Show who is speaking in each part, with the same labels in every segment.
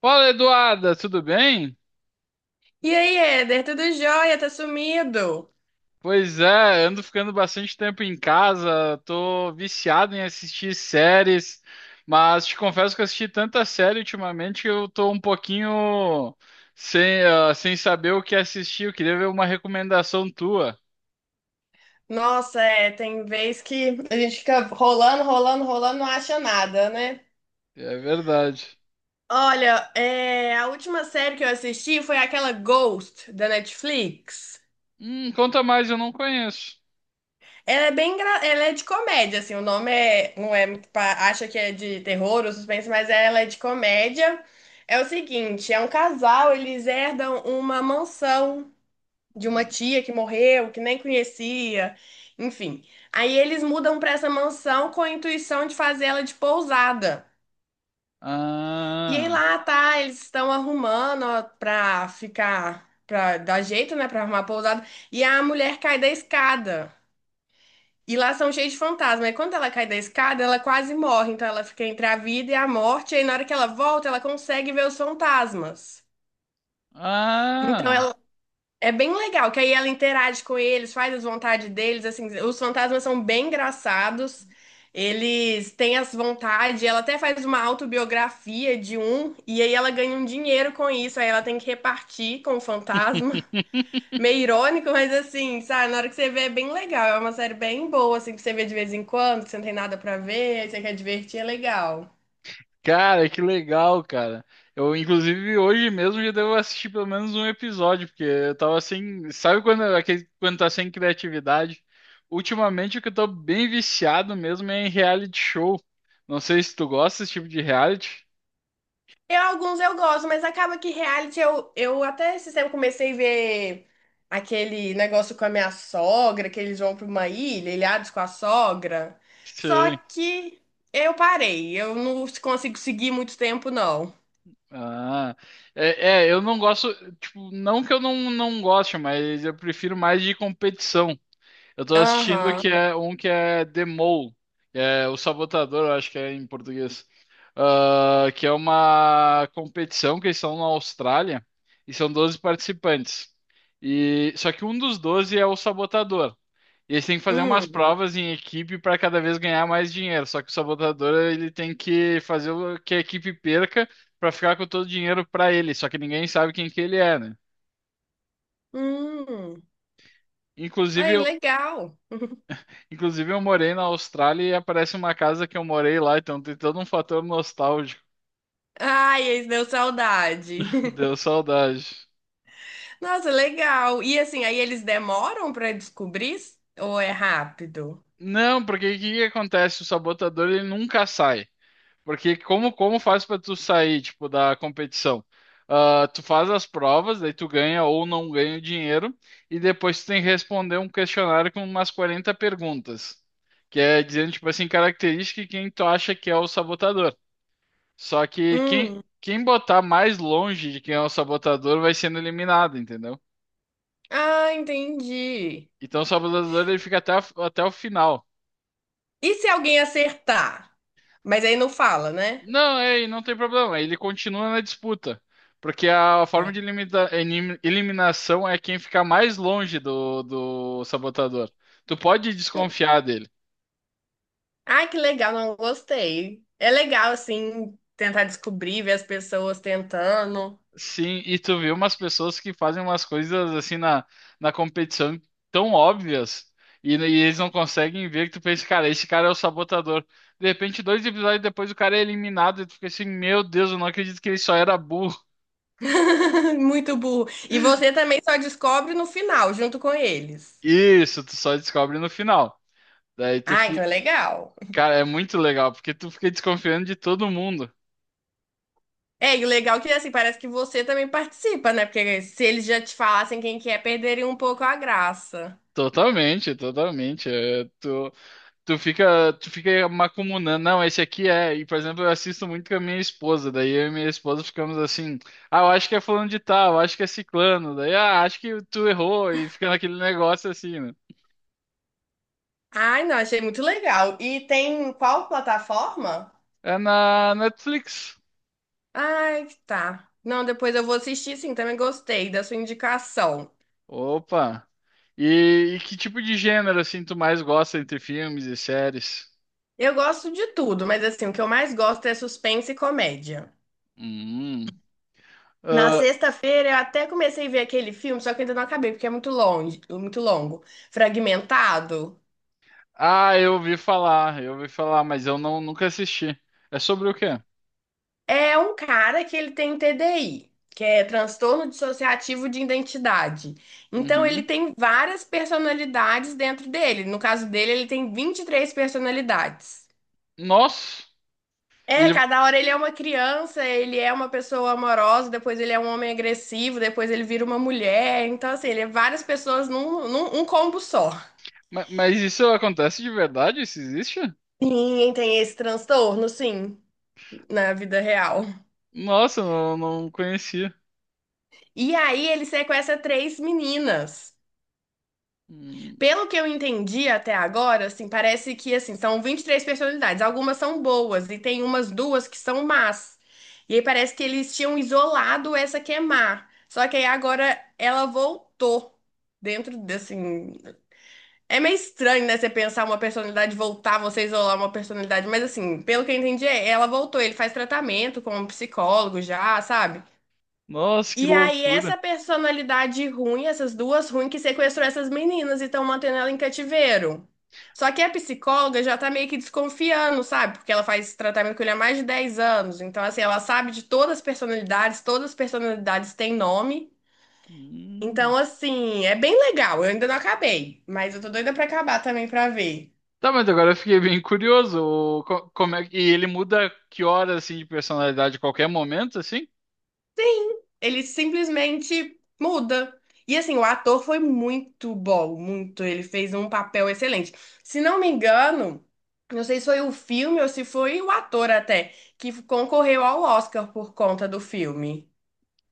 Speaker 1: Fala, Eduarda, tudo bem?
Speaker 2: E aí, Éder, tudo jóia? Tá sumido?
Speaker 1: Pois é, ando ficando bastante tempo em casa, tô viciado em assistir séries, mas te confesso que eu assisti tanta série ultimamente que eu tô um pouquinho sem saber o que assistir. Eu queria ver uma recomendação tua.
Speaker 2: Nossa, é, tem vez que a gente fica rolando, rolando, rolando, não acha nada, né?
Speaker 1: É verdade.
Speaker 2: Olha, é, a última série que eu assisti foi aquela Ghost da Netflix.
Speaker 1: Conta mais, eu não conheço.
Speaker 2: Ela é de comédia, assim, o nome é, não é, acha que é de terror ou suspense, mas ela é de comédia. É o seguinte, é um casal, eles herdam uma mansão de uma
Speaker 1: Hum.
Speaker 2: tia que morreu, que nem conhecia, enfim. Aí eles mudam para essa mansão com a intuição de fazer ela de pousada. E aí
Speaker 1: Ah.
Speaker 2: lá tá, eles estão arrumando ó, pra ficar, pra dar jeito, né, pra arrumar a pousada. E a mulher cai da escada. E lá são cheios de fantasmas. E quando ela cai da escada, ela quase morre. Então ela fica entre a vida e a morte. E aí na hora que ela volta, ela consegue ver os fantasmas. Então
Speaker 1: Ah.
Speaker 2: ela É bem legal, que aí ela interage com eles, faz as vontades deles, assim, os fantasmas são bem engraçados. Eles têm as vontades, ela até faz uma autobiografia de um, e aí ela ganha um dinheiro com isso, aí ela tem que repartir com o fantasma. Meio irônico, mas assim, sabe, na hora que você vê é bem legal, é uma série bem boa, assim, que você vê de vez em quando, que você não tem nada pra ver, aí você quer divertir, é legal.
Speaker 1: Cara, que legal, cara. Eu, inclusive, hoje mesmo já devo assistir pelo menos um episódio, porque eu tava sem. Sabe quando tá sem criatividade? Ultimamente o que eu tô bem viciado mesmo é em reality show. Não sei se tu gosta desse tipo de reality.
Speaker 2: Eu, alguns eu gosto, mas acaba que reality eu até esse tempo comecei a ver aquele negócio com a minha sogra, que eles vão pra uma ilha, ilhados com a sogra. Só
Speaker 1: Sei.
Speaker 2: que eu parei, eu não consigo seguir muito tempo, não.
Speaker 1: Ah. É, é, eu não gosto. Tipo, não que eu não goste, mas eu prefiro mais de competição. Eu tô assistindo que
Speaker 2: Aham.
Speaker 1: é um que é The Mole, que é o Sabotador, eu acho que é em português. Ah, que é uma competição que eles são na Austrália e são 12 participantes. E só que um dos 12 é o sabotador. E eles têm que fazer umas
Speaker 2: Hum.
Speaker 1: provas em equipe para cada vez ganhar mais dinheiro. Só que o sabotador ele tem que fazer o que a equipe perca para ficar com todo o dinheiro para ele. Só que ninguém sabe quem que ele é, né?
Speaker 2: Hum. Ai,
Speaker 1: Inclusive,
Speaker 2: legal.
Speaker 1: Inclusive, eu morei na Austrália e aparece uma casa que eu morei lá, então tem todo um fator nostálgico.
Speaker 2: Ai, esse deu saudade.
Speaker 1: Deu saudade.
Speaker 2: Nossa, legal. E assim, aí eles demoram pra descobrir? Ou é rápido?
Speaker 1: Não, porque o que que acontece? O sabotador ele nunca sai. Porque como faz pra tu sair, tipo, da competição? Ah, tu faz as provas, daí tu ganha ou não ganha o dinheiro, e depois tu tem que responder um questionário com umas 40 perguntas. Que é dizendo, tipo assim, característica de quem tu acha que é o sabotador. Só que quem,
Speaker 2: Hum.
Speaker 1: quem botar mais longe de quem é o sabotador vai sendo eliminado, entendeu?
Speaker 2: Ah, entendi.
Speaker 1: Então o sabotador ele fica até o final.
Speaker 2: E se alguém acertar? Mas aí não fala, né?
Speaker 1: Não, é, e não tem problema, ele continua na disputa. Porque a forma de eliminação é quem ficar mais longe do sabotador. Tu pode desconfiar dele.
Speaker 2: Ai, que legal, não gostei. É legal, assim, tentar descobrir, ver as pessoas tentando.
Speaker 1: Sim, e tu vê umas pessoas que fazem umas coisas assim na competição tão óbvias e, né, e eles não conseguem ver que tu pensa, cara, esse cara é o sabotador. De repente, dois episódios depois o cara é eliminado e tu fica assim, meu Deus, eu não acredito que ele só era burro.
Speaker 2: Muito burro. E você também só descobre no final, junto com eles.
Speaker 1: Isso, tu só descobre no final. Daí tu
Speaker 2: Ah, então
Speaker 1: fica,
Speaker 2: é legal.
Speaker 1: cara, é muito legal porque tu fica desconfiando de todo mundo.
Speaker 2: É, e o legal é que, assim, parece que você também participa, né? Porque se eles já te falassem quem que é, perderiam um pouco a graça.
Speaker 1: Totalmente, totalmente. É. Tu fica macumunando. Não, esse aqui é. E, por exemplo, eu assisto muito com a minha esposa. Daí eu e minha esposa ficamos assim. Ah, eu acho que é fulano de tal, eu acho que é ciclano. Daí, acho que tu errou. E fica naquele negócio assim, né?
Speaker 2: Ai, não, achei muito legal. E tem qual plataforma?
Speaker 1: É na Netflix.
Speaker 2: Ai, tá. Não, depois eu vou assistir, sim, também gostei da sua indicação.
Speaker 1: Opa. E que tipo de gênero, assim, tu mais gosta entre filmes e séries?
Speaker 2: Eu gosto de tudo, mas assim, o que eu mais gosto é suspense e comédia.
Speaker 1: Hum.
Speaker 2: Na
Speaker 1: Ah,
Speaker 2: sexta-feira eu até comecei a ver aquele filme, só que ainda não acabei, porque é muito longe, muito longo. Fragmentado.
Speaker 1: eu ouvi falar, mas eu não, nunca assisti. É sobre o quê?
Speaker 2: É um cara que ele tem TDI, que é transtorno dissociativo de identidade. Então ele
Speaker 1: Uhum.
Speaker 2: tem várias personalidades dentro dele. No caso dele, ele tem 23 personalidades.
Speaker 1: Nossa! E
Speaker 2: É,
Speaker 1: ele,
Speaker 2: cada hora ele é uma criança, ele é uma pessoa amorosa, depois ele é um homem agressivo, depois ele vira uma mulher. Então, assim, ele é várias pessoas num combo só.
Speaker 1: Mas isso acontece de verdade? Isso existe?
Speaker 2: Sim, tem esse transtorno, sim, na vida real.
Speaker 1: Nossa, não, não conhecia.
Speaker 2: E aí ele sequestra três meninas.
Speaker 1: Hum,
Speaker 2: Pelo que eu entendi até agora, assim, parece que assim, são 23 personalidades. Algumas são boas e tem umas duas que são más. E aí parece que eles tinham isolado essa que é má. Só que aí agora ela voltou dentro de, assim, é meio estranho, né, você pensar uma personalidade voltar, você isolar uma personalidade, mas assim, pelo que eu entendi, é, ela voltou, ele faz tratamento com um psicólogo já, sabe?
Speaker 1: Nossa, que
Speaker 2: E aí, essa
Speaker 1: loucura.
Speaker 2: personalidade ruim, essas duas ruins, que sequestrou essas meninas e estão mantendo ela em cativeiro. Só que a psicóloga já tá meio que desconfiando, sabe? Porque ela faz esse tratamento com ele há mais de 10 anos. Então, assim, ela sabe de todas as personalidades têm nome. Então,
Speaker 1: Hum.
Speaker 2: assim, é bem legal. Eu ainda não acabei, mas eu tô doida pra acabar também pra ver.
Speaker 1: Tá, mas agora eu fiquei bem curioso. Como é, e ele muda que hora assim de personalidade a qualquer momento, assim?
Speaker 2: Ele simplesmente muda. E assim, o ator foi muito bom, muito. Ele fez um papel excelente. Se não me engano, não sei se foi o filme ou se foi o ator até, que concorreu ao Oscar por conta do filme.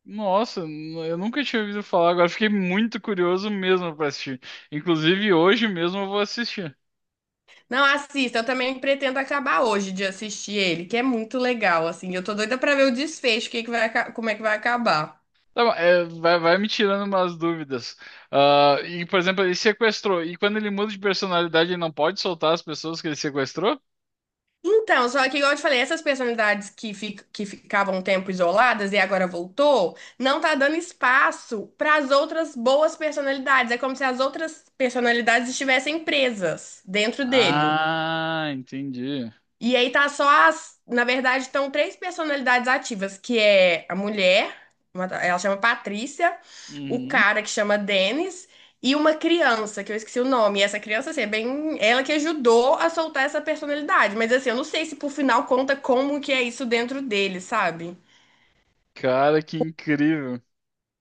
Speaker 1: Nossa, eu nunca tinha ouvido falar. Agora eu fiquei muito curioso mesmo pra assistir. Inclusive hoje mesmo eu vou assistir.
Speaker 2: Não, assista, eu também pretendo acabar hoje de assistir ele, que é muito legal, assim. Eu tô doida pra ver o desfecho, o que é que vai, como é que vai acabar.
Speaker 1: Tá bom, é, vai me tirando umas dúvidas. Ah, e, por exemplo, ele sequestrou. E quando ele muda de personalidade, ele não pode soltar as pessoas que ele sequestrou?
Speaker 2: Então, só que, igual eu te falei, essas personalidades que ficavam um tempo isoladas e agora voltou, não tá dando espaço para as outras boas personalidades. É como se as outras personalidades estivessem presas dentro dele.
Speaker 1: Ah, entendi.
Speaker 2: E aí tá só as, na verdade, estão três personalidades ativas, que é a mulher, ela chama Patrícia, o
Speaker 1: Uhum.
Speaker 2: cara que chama Denis e uma criança, que eu esqueci o nome. E essa criança, assim, é bem ela que ajudou a soltar essa personalidade, mas assim, eu não sei se por final conta como que é isso dentro dele, sabe?
Speaker 1: Cara, que incrível.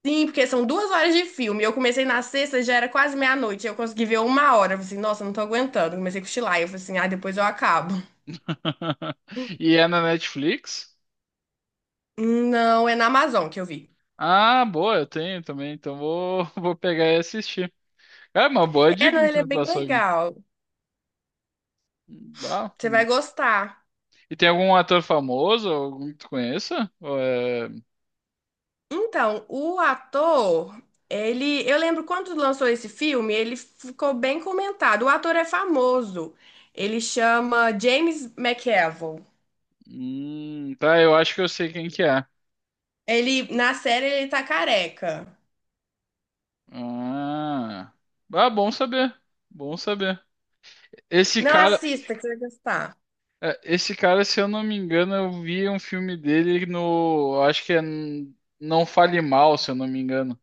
Speaker 2: Sim, porque são 2 horas de filme. Eu comecei na sexta, já era quase meia-noite. Eu consegui ver 1 hora. Eu falei assim, nossa, não tô aguentando. Comecei a cochilar. Eu falei assim, ah, depois eu acabo.
Speaker 1: E é na Netflix?
Speaker 2: Não, é na Amazon que eu vi.
Speaker 1: Ah, boa, eu tenho também. Então vou, vou pegar e assistir. É uma boa
Speaker 2: É,
Speaker 1: dica
Speaker 2: não,
Speaker 1: que
Speaker 2: ele
Speaker 1: tu
Speaker 2: é
Speaker 1: me
Speaker 2: bem
Speaker 1: passou aqui.
Speaker 2: legal.
Speaker 1: Ah,
Speaker 2: Você vai gostar.
Speaker 1: e tem algum ator famoso, algum que tu conheça?
Speaker 2: Então, o ator, ele, eu lembro quando lançou esse filme, ele ficou bem comentado. O ator é famoso. Ele chama James McAvoy.
Speaker 1: Tá, eu acho que eu sei quem que é.
Speaker 2: Ele, na série, ele tá careca.
Speaker 1: Ah, ah, bom saber. Bom saber. Esse
Speaker 2: Não
Speaker 1: cara,
Speaker 2: assista, que você vai gostar.
Speaker 1: esse cara, se eu não me engano, eu vi um filme dele no, acho que é Não Fale Mal, se eu não me engano.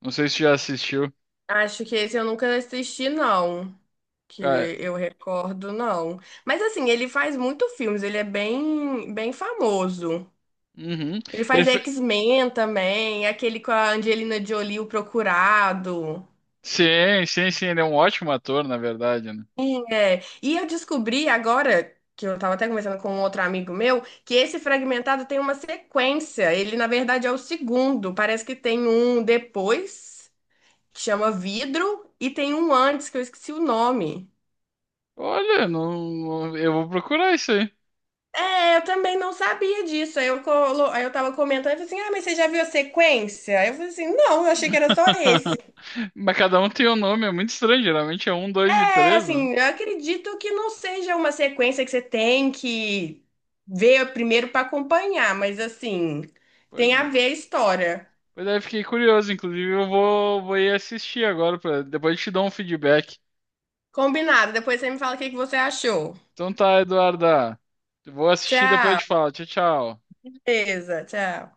Speaker 1: Não sei se já assistiu.
Speaker 2: Acho que esse eu nunca assisti, não. Que
Speaker 1: Cara,
Speaker 2: eu recordo, não. Mas assim, ele faz muito filmes, ele é bem, bem famoso.
Speaker 1: uhum.
Speaker 2: Ele
Speaker 1: Ele
Speaker 2: faz
Speaker 1: fe...
Speaker 2: X-Men também, aquele com a Angelina Jolie, o Procurado.
Speaker 1: Sim, sim, sim, ele é um ótimo ator, na verdade, né?
Speaker 2: É. E eu descobri agora, que eu tava até conversando com um outro amigo meu, que esse Fragmentado tem uma sequência. Ele, na verdade, é o segundo. Parece que tem um depois, que chama Vidro, e tem um antes, que eu esqueci o nome.
Speaker 1: Olha, não, eu vou procurar isso aí.
Speaker 2: É, eu também não sabia disso. Aí eu tava comentando, eu falei assim, ah, mas você já viu a sequência? Aí eu falei assim, não, eu achei que era só esse.
Speaker 1: Mas cada um tem um nome, é muito estranho. Geralmente é um, dois e
Speaker 2: É
Speaker 1: três, né?
Speaker 2: assim, eu acredito que não seja uma sequência que você tem que ver primeiro para acompanhar, mas assim, tem
Speaker 1: Pois
Speaker 2: a
Speaker 1: é.
Speaker 2: ver a história.
Speaker 1: Pois é, fiquei curioso, inclusive eu vou, ir assistir agora, depois eu te dou um feedback.
Speaker 2: Combinado, depois você me fala o que que você achou.
Speaker 1: Então tá, Eduarda, eu vou assistir e depois eu
Speaker 2: Tchau,
Speaker 1: te falo. Tchau, tchau.
Speaker 2: beleza, tchau.